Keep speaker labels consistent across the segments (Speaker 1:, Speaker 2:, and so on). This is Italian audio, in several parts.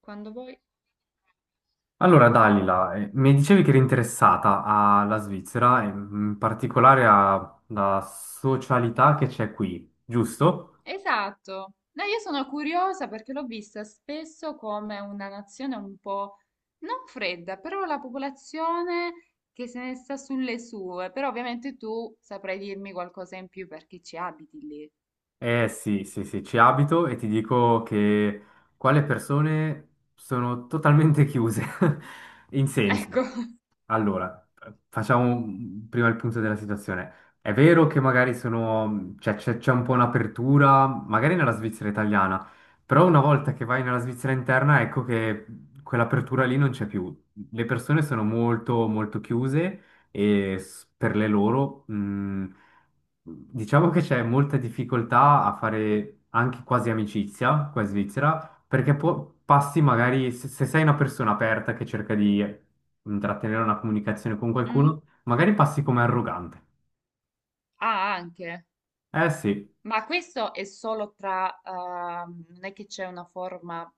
Speaker 1: Quando vuoi.
Speaker 2: Allora, Dalila, mi dicevi che eri interessata alla Svizzera, in particolare alla socialità che c'è qui, giusto?
Speaker 1: Esatto. No, io sono curiosa perché l'ho vista spesso come una nazione un po' non fredda, però la popolazione che se ne sta sulle sue. Però ovviamente tu saprai dirmi qualcosa in più perché ci abiti lì.
Speaker 2: Eh sì, sì, sì, ci abito e ti dico che qua le persone sono totalmente chiuse, in senso.
Speaker 1: Ecco.
Speaker 2: Allora, facciamo prima il punto della situazione. È vero che magari sono, cioè, c'è un po' un'apertura, magari nella Svizzera italiana, però una volta che vai nella Svizzera interna, ecco che quell'apertura lì non c'è più. Le persone sono molto, molto chiuse e per le loro, diciamo che c'è molta difficoltà a fare anche quasi amicizia qua in Svizzera, perché passi magari, se sei una persona aperta che cerca di intrattenere una comunicazione con
Speaker 1: Mm?
Speaker 2: qualcuno, magari passi come arrogante.
Speaker 1: Ah, anche.
Speaker 2: Eh sì.
Speaker 1: Ma questo è solo tra, non è che c'è una forma,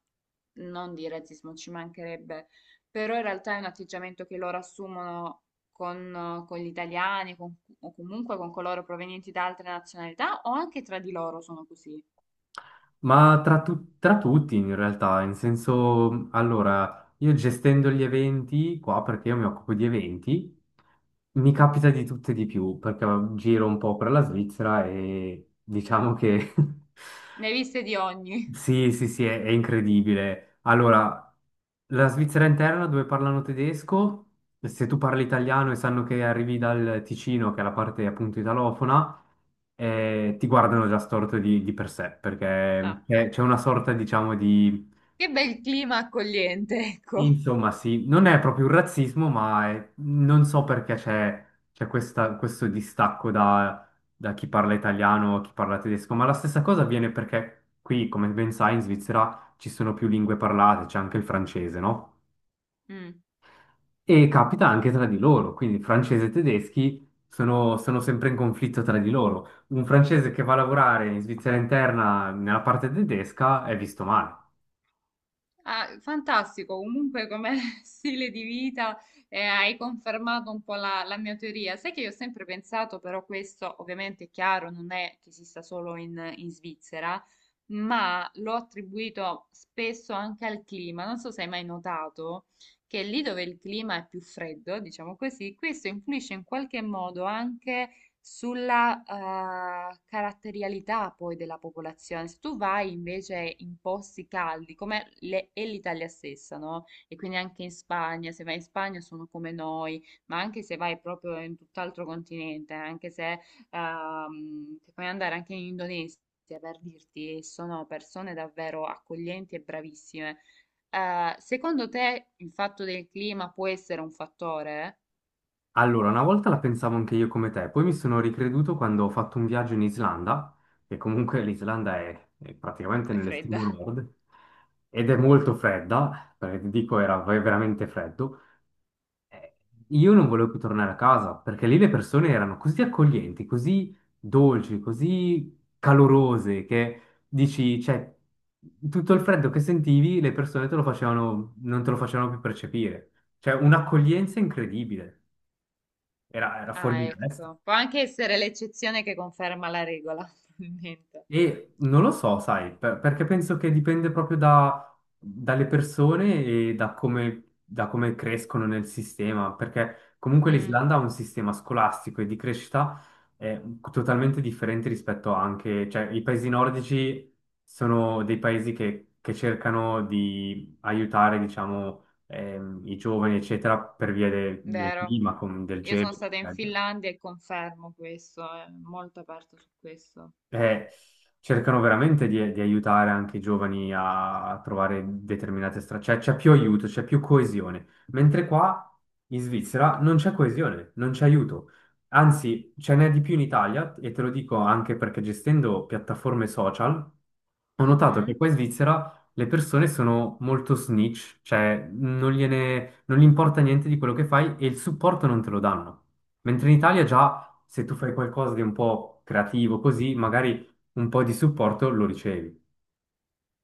Speaker 1: non di razzismo, ci mancherebbe, però in realtà è un atteggiamento che loro assumono con gli italiani o comunque con coloro provenienti da altre nazionalità o anche tra di loro sono così.
Speaker 2: Ma tra tutti in realtà, in senso, allora, io gestendo gli eventi qua, perché io mi occupo di eventi, mi capita di tutte e di più, perché giro un po' per la Svizzera e diciamo che
Speaker 1: Ne hai viste di ogni.
Speaker 2: sì, sì, sì, è incredibile. Allora, la Svizzera interna dove parlano tedesco, se tu parli italiano e sanno che arrivi dal Ticino, che è la parte appunto italofona, ti guardano già storto di per sé,
Speaker 1: Ah,
Speaker 2: perché c'è una sorta, diciamo, di...
Speaker 1: che bel clima accogliente, ecco.
Speaker 2: Insomma, sì, non è proprio un razzismo, ma non so perché questo distacco da chi parla italiano a chi parla tedesco, ma la stessa cosa avviene perché qui, come ben sai, in Svizzera ci sono più lingue parlate, c'è anche il francese, no?
Speaker 1: Mm.
Speaker 2: E capita anche tra di loro, quindi francesi e tedeschi sono, sono sempre in conflitto tra di loro. Un francese che va a lavorare in Svizzera interna nella parte tedesca è visto male.
Speaker 1: Ah, fantastico, comunque come stile di vita hai confermato un po' la mia teoria. Sai che io ho sempre pensato, però questo ovviamente è chiaro, non è che esista solo in Svizzera, ma l'ho attribuito spesso anche al clima. Non so se hai mai notato che lì dove il clima è più freddo, diciamo così, questo influisce in qualche modo anche sulla caratterialità poi della popolazione. Se tu vai invece in posti caldi, come è l'Italia stessa, no? E quindi anche in Spagna, se vai in Spagna sono come noi, ma anche se vai proprio in tutt'altro continente, anche se se puoi andare anche in Indonesia per dirti, sono persone davvero accoglienti e bravissime. Secondo te il fatto del clima può essere un fattore?
Speaker 2: Allora, una volta la pensavo anche io come te, poi mi sono ricreduto quando ho fatto un viaggio in Islanda, che comunque l'Islanda è praticamente
Speaker 1: È fredda.
Speaker 2: nell'estremo nord ed è molto fredda, perché ti dico era veramente freddo. Eh, Io non volevo più tornare a casa perché lì le persone erano così accoglienti, così dolci, così calorose che dici, cioè, tutto il freddo che sentivi le persone te lo facevano, non te lo facevano più percepire. Cioè, un'accoglienza incredibile, era, era fuori
Speaker 1: Ah,
Speaker 2: di testa.
Speaker 1: ecco. Può anche essere l'eccezione che conferma la regola, probabilmente.
Speaker 2: E non lo so, sai, perché penso che dipende proprio dalle persone e da come, da come crescono nel sistema, perché comunque
Speaker 1: Mm,
Speaker 2: l'Islanda ha un sistema scolastico e di crescita eh, totalmente differente rispetto anche, cioè i paesi nordici sono dei paesi che cercano di aiutare, diciamo, i giovani, eccetera, per via del
Speaker 1: vero.
Speaker 2: clima, del
Speaker 1: Io sono
Speaker 2: gelo,
Speaker 1: stata in
Speaker 2: eccetera.
Speaker 1: Finlandia e confermo questo, è molto aperto su questo.
Speaker 2: Eh, Cercano veramente di aiutare anche i giovani a, a trovare determinate strade, cioè c'è più aiuto, c'è più coesione, mentre qua in Svizzera non c'è coesione, non c'è aiuto, anzi ce n'è di più in Italia e te lo dico anche perché gestendo piattaforme social ho notato che qua
Speaker 1: Mm?
Speaker 2: in Svizzera le persone sono molto snitch, cioè non gliene, non gli importa niente di quello che fai e il supporto non te lo danno, mentre in Italia già se tu fai qualcosa di un po' creativo così, magari un po' di supporto lo ricevi.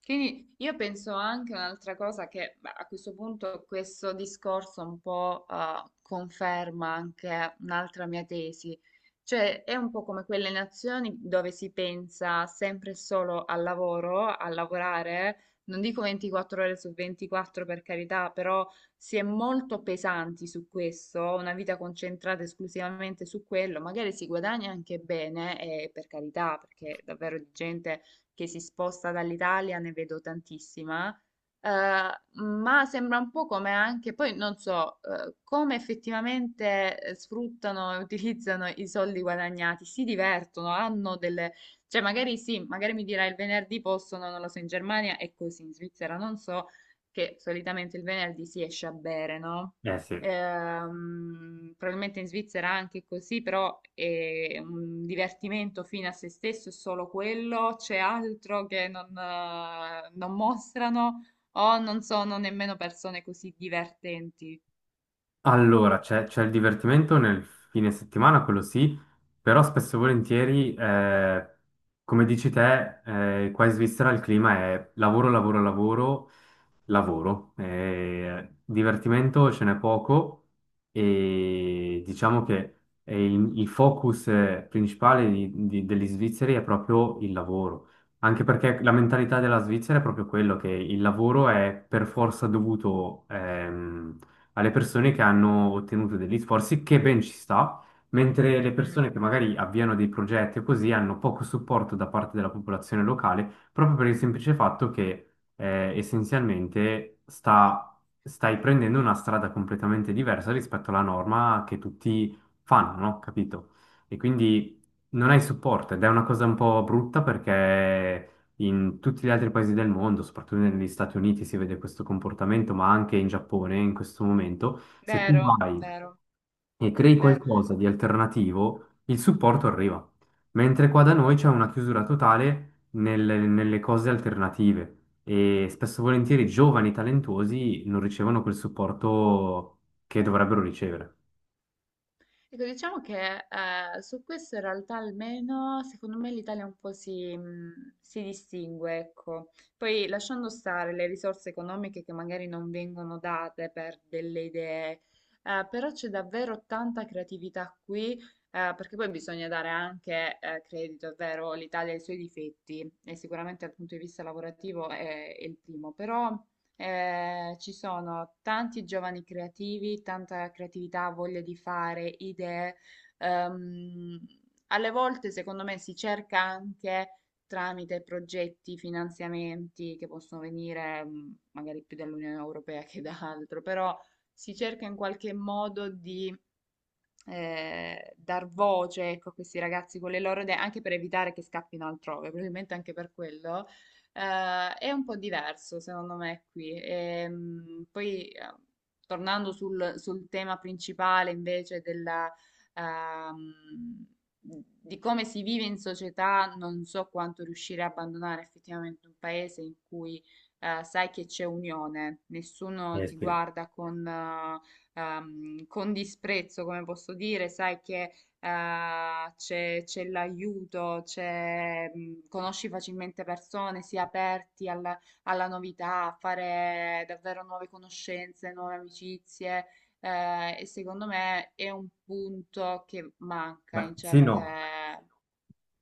Speaker 1: Quindi io penso anche un'altra cosa che beh, a questo punto questo discorso un po' conferma anche un'altra mia tesi, cioè è un po' come quelle nazioni dove si pensa sempre e solo al lavoro, a lavorare, non dico 24 ore su 24 per carità, però si è molto pesanti su questo, una vita concentrata esclusivamente su quello, magari si guadagna anche bene, e per carità, perché davvero di gente che si sposta dall'Italia, ne vedo tantissima, eh, ma sembra un po' come anche, poi non so, come effettivamente sfruttano e utilizzano i soldi guadagnati, si divertono, hanno delle, cioè magari sì, magari mi dirai il venerdì possono, non lo so, in Germania è così, in Svizzera non so, che solitamente il venerdì si esce a bere, no?
Speaker 2: Eh sì.
Speaker 1: Probabilmente in Svizzera anche così, però è un divertimento fino a se stesso, è solo quello, c'è altro che non, non mostrano o non sono nemmeno persone così divertenti.
Speaker 2: Allora, c'è il divertimento nel fine settimana, quello sì, però spesso e volentieri, come dici te, qua in Svizzera il clima è lavoro, lavoro, lavoro, lavoro. Divertimento ce n'è poco e diciamo che è il focus principale degli svizzeri è proprio il lavoro, anche perché la mentalità della Svizzera è proprio quello che il lavoro è per forza dovuto. Alle persone che hanno ottenuto degli sforzi, che ben ci sta, mentre le
Speaker 1: Mm,
Speaker 2: persone che magari avviano dei progetti o così hanno poco supporto da parte della popolazione locale, proprio per il semplice fatto che essenzialmente stai prendendo una strada completamente diversa rispetto alla norma che tutti fanno, no? Capito? E quindi non hai supporto ed è una cosa un po' brutta perché in tutti gli altri paesi del mondo, soprattutto negli Stati Uniti, si vede questo comportamento, ma anche in Giappone in questo momento, se tu
Speaker 1: vero,
Speaker 2: vai
Speaker 1: vero,
Speaker 2: e crei
Speaker 1: vero.
Speaker 2: qualcosa di alternativo, il supporto arriva. Mentre qua da noi c'è una chiusura totale nelle, nelle cose alternative e spesso e volentieri i giovani talentuosi non ricevono quel supporto che dovrebbero ricevere.
Speaker 1: Ecco, diciamo che su questo in realtà almeno secondo me l'Italia un po' si, si distingue, ecco. Poi lasciando stare le risorse economiche che magari non vengono date per delle idee, però c'è davvero tanta creatività qui, perché poi bisogna dare anche credito, è vero, l'Italia ha i suoi difetti e sicuramente dal punto di vista lavorativo è il primo, però... ci sono tanti giovani creativi, tanta creatività, voglia di fare, idee. Ehm, Alle volte, secondo me, si cerca anche tramite progetti, finanziamenti che possono venire magari più dall'Unione Europea che da altro, però si cerca in qualche modo di dar voce, ecco, a questi ragazzi con le loro idee, anche per evitare che scappino altrove, probabilmente anche per quello, è un po' diverso secondo me qui. Poi, tornando sul tema principale invece ehm, di come si vive in società, non so quanto riuscire a abbandonare effettivamente un paese in cui sai che c'è unione, nessuno
Speaker 2: Eh
Speaker 1: ti
Speaker 2: sì.
Speaker 1: guarda con disprezzo, come posso dire, sai che c'è l'aiuto, c'è, conosci facilmente persone, si è aperti alla novità, a fare davvero nuove conoscenze, nuove amicizie. Eh, e secondo me è un punto che manca
Speaker 2: Beh,
Speaker 1: in
Speaker 2: sì, no.
Speaker 1: certe...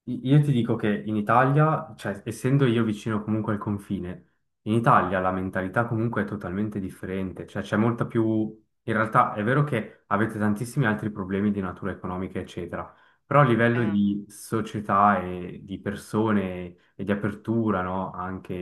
Speaker 2: Io ti dico che in Italia, cioè essendo io vicino comunque al confine, in Italia la mentalità comunque è totalmente differente, cioè c'è molta più... In realtà è vero che avete tantissimi altri problemi di natura economica, eccetera, però a livello
Speaker 1: Eh,
Speaker 2: di società e di persone e di apertura, no? Anche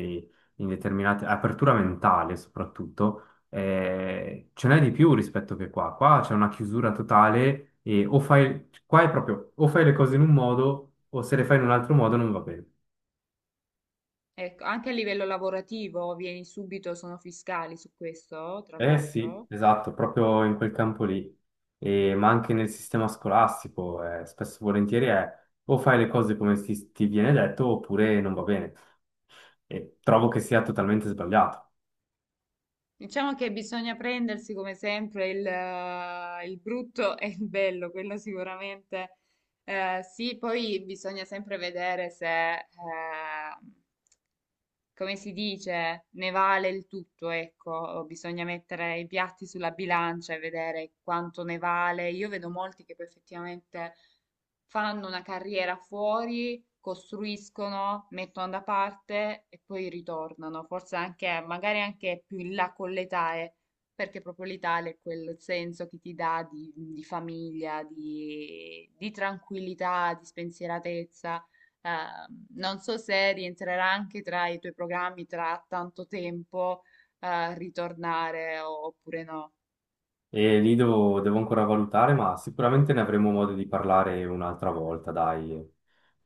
Speaker 2: in determinate... apertura mentale soprattutto ce n'è di più rispetto che qua. Qua c'è una chiusura totale e o fai, qua è proprio, o fai le cose in un modo o se le fai in un altro modo non va bene.
Speaker 1: ecco, anche a livello lavorativo vieni subito, sono fiscali su questo, tra
Speaker 2: Eh sì,
Speaker 1: l'altro.
Speaker 2: esatto, proprio in quel campo lì. Ma anche nel sistema scolastico, spesso e volentieri è o fai le cose come ti viene detto oppure non va bene. E trovo che sia totalmente sbagliato.
Speaker 1: Diciamo che bisogna prendersi come sempre il brutto e il bello, quello sicuramente sì, poi bisogna sempre vedere se, come si dice, ne vale il tutto, ecco, bisogna mettere i piatti sulla bilancia e vedere quanto ne vale. Io vedo molti che poi effettivamente fanno una carriera fuori, costruiscono, mettono da parte e poi ritornano, forse anche, magari anche più in là con l'età, perché proprio l'Italia è quel senso che ti dà di famiglia, di tranquillità, di spensieratezza. Non so se rientrerà anche tra i tuoi programmi tra tanto tempo, ritornare oppure no.
Speaker 2: E lì devo, devo ancora valutare, ma sicuramente ne avremo modo di parlare un'altra volta, dai.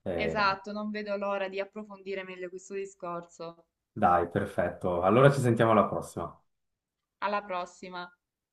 Speaker 2: Eh,
Speaker 1: Esatto, non vedo l'ora di approfondire meglio questo discorso.
Speaker 2: Dai, perfetto. Allora ci sentiamo alla prossima.
Speaker 1: Alla prossima.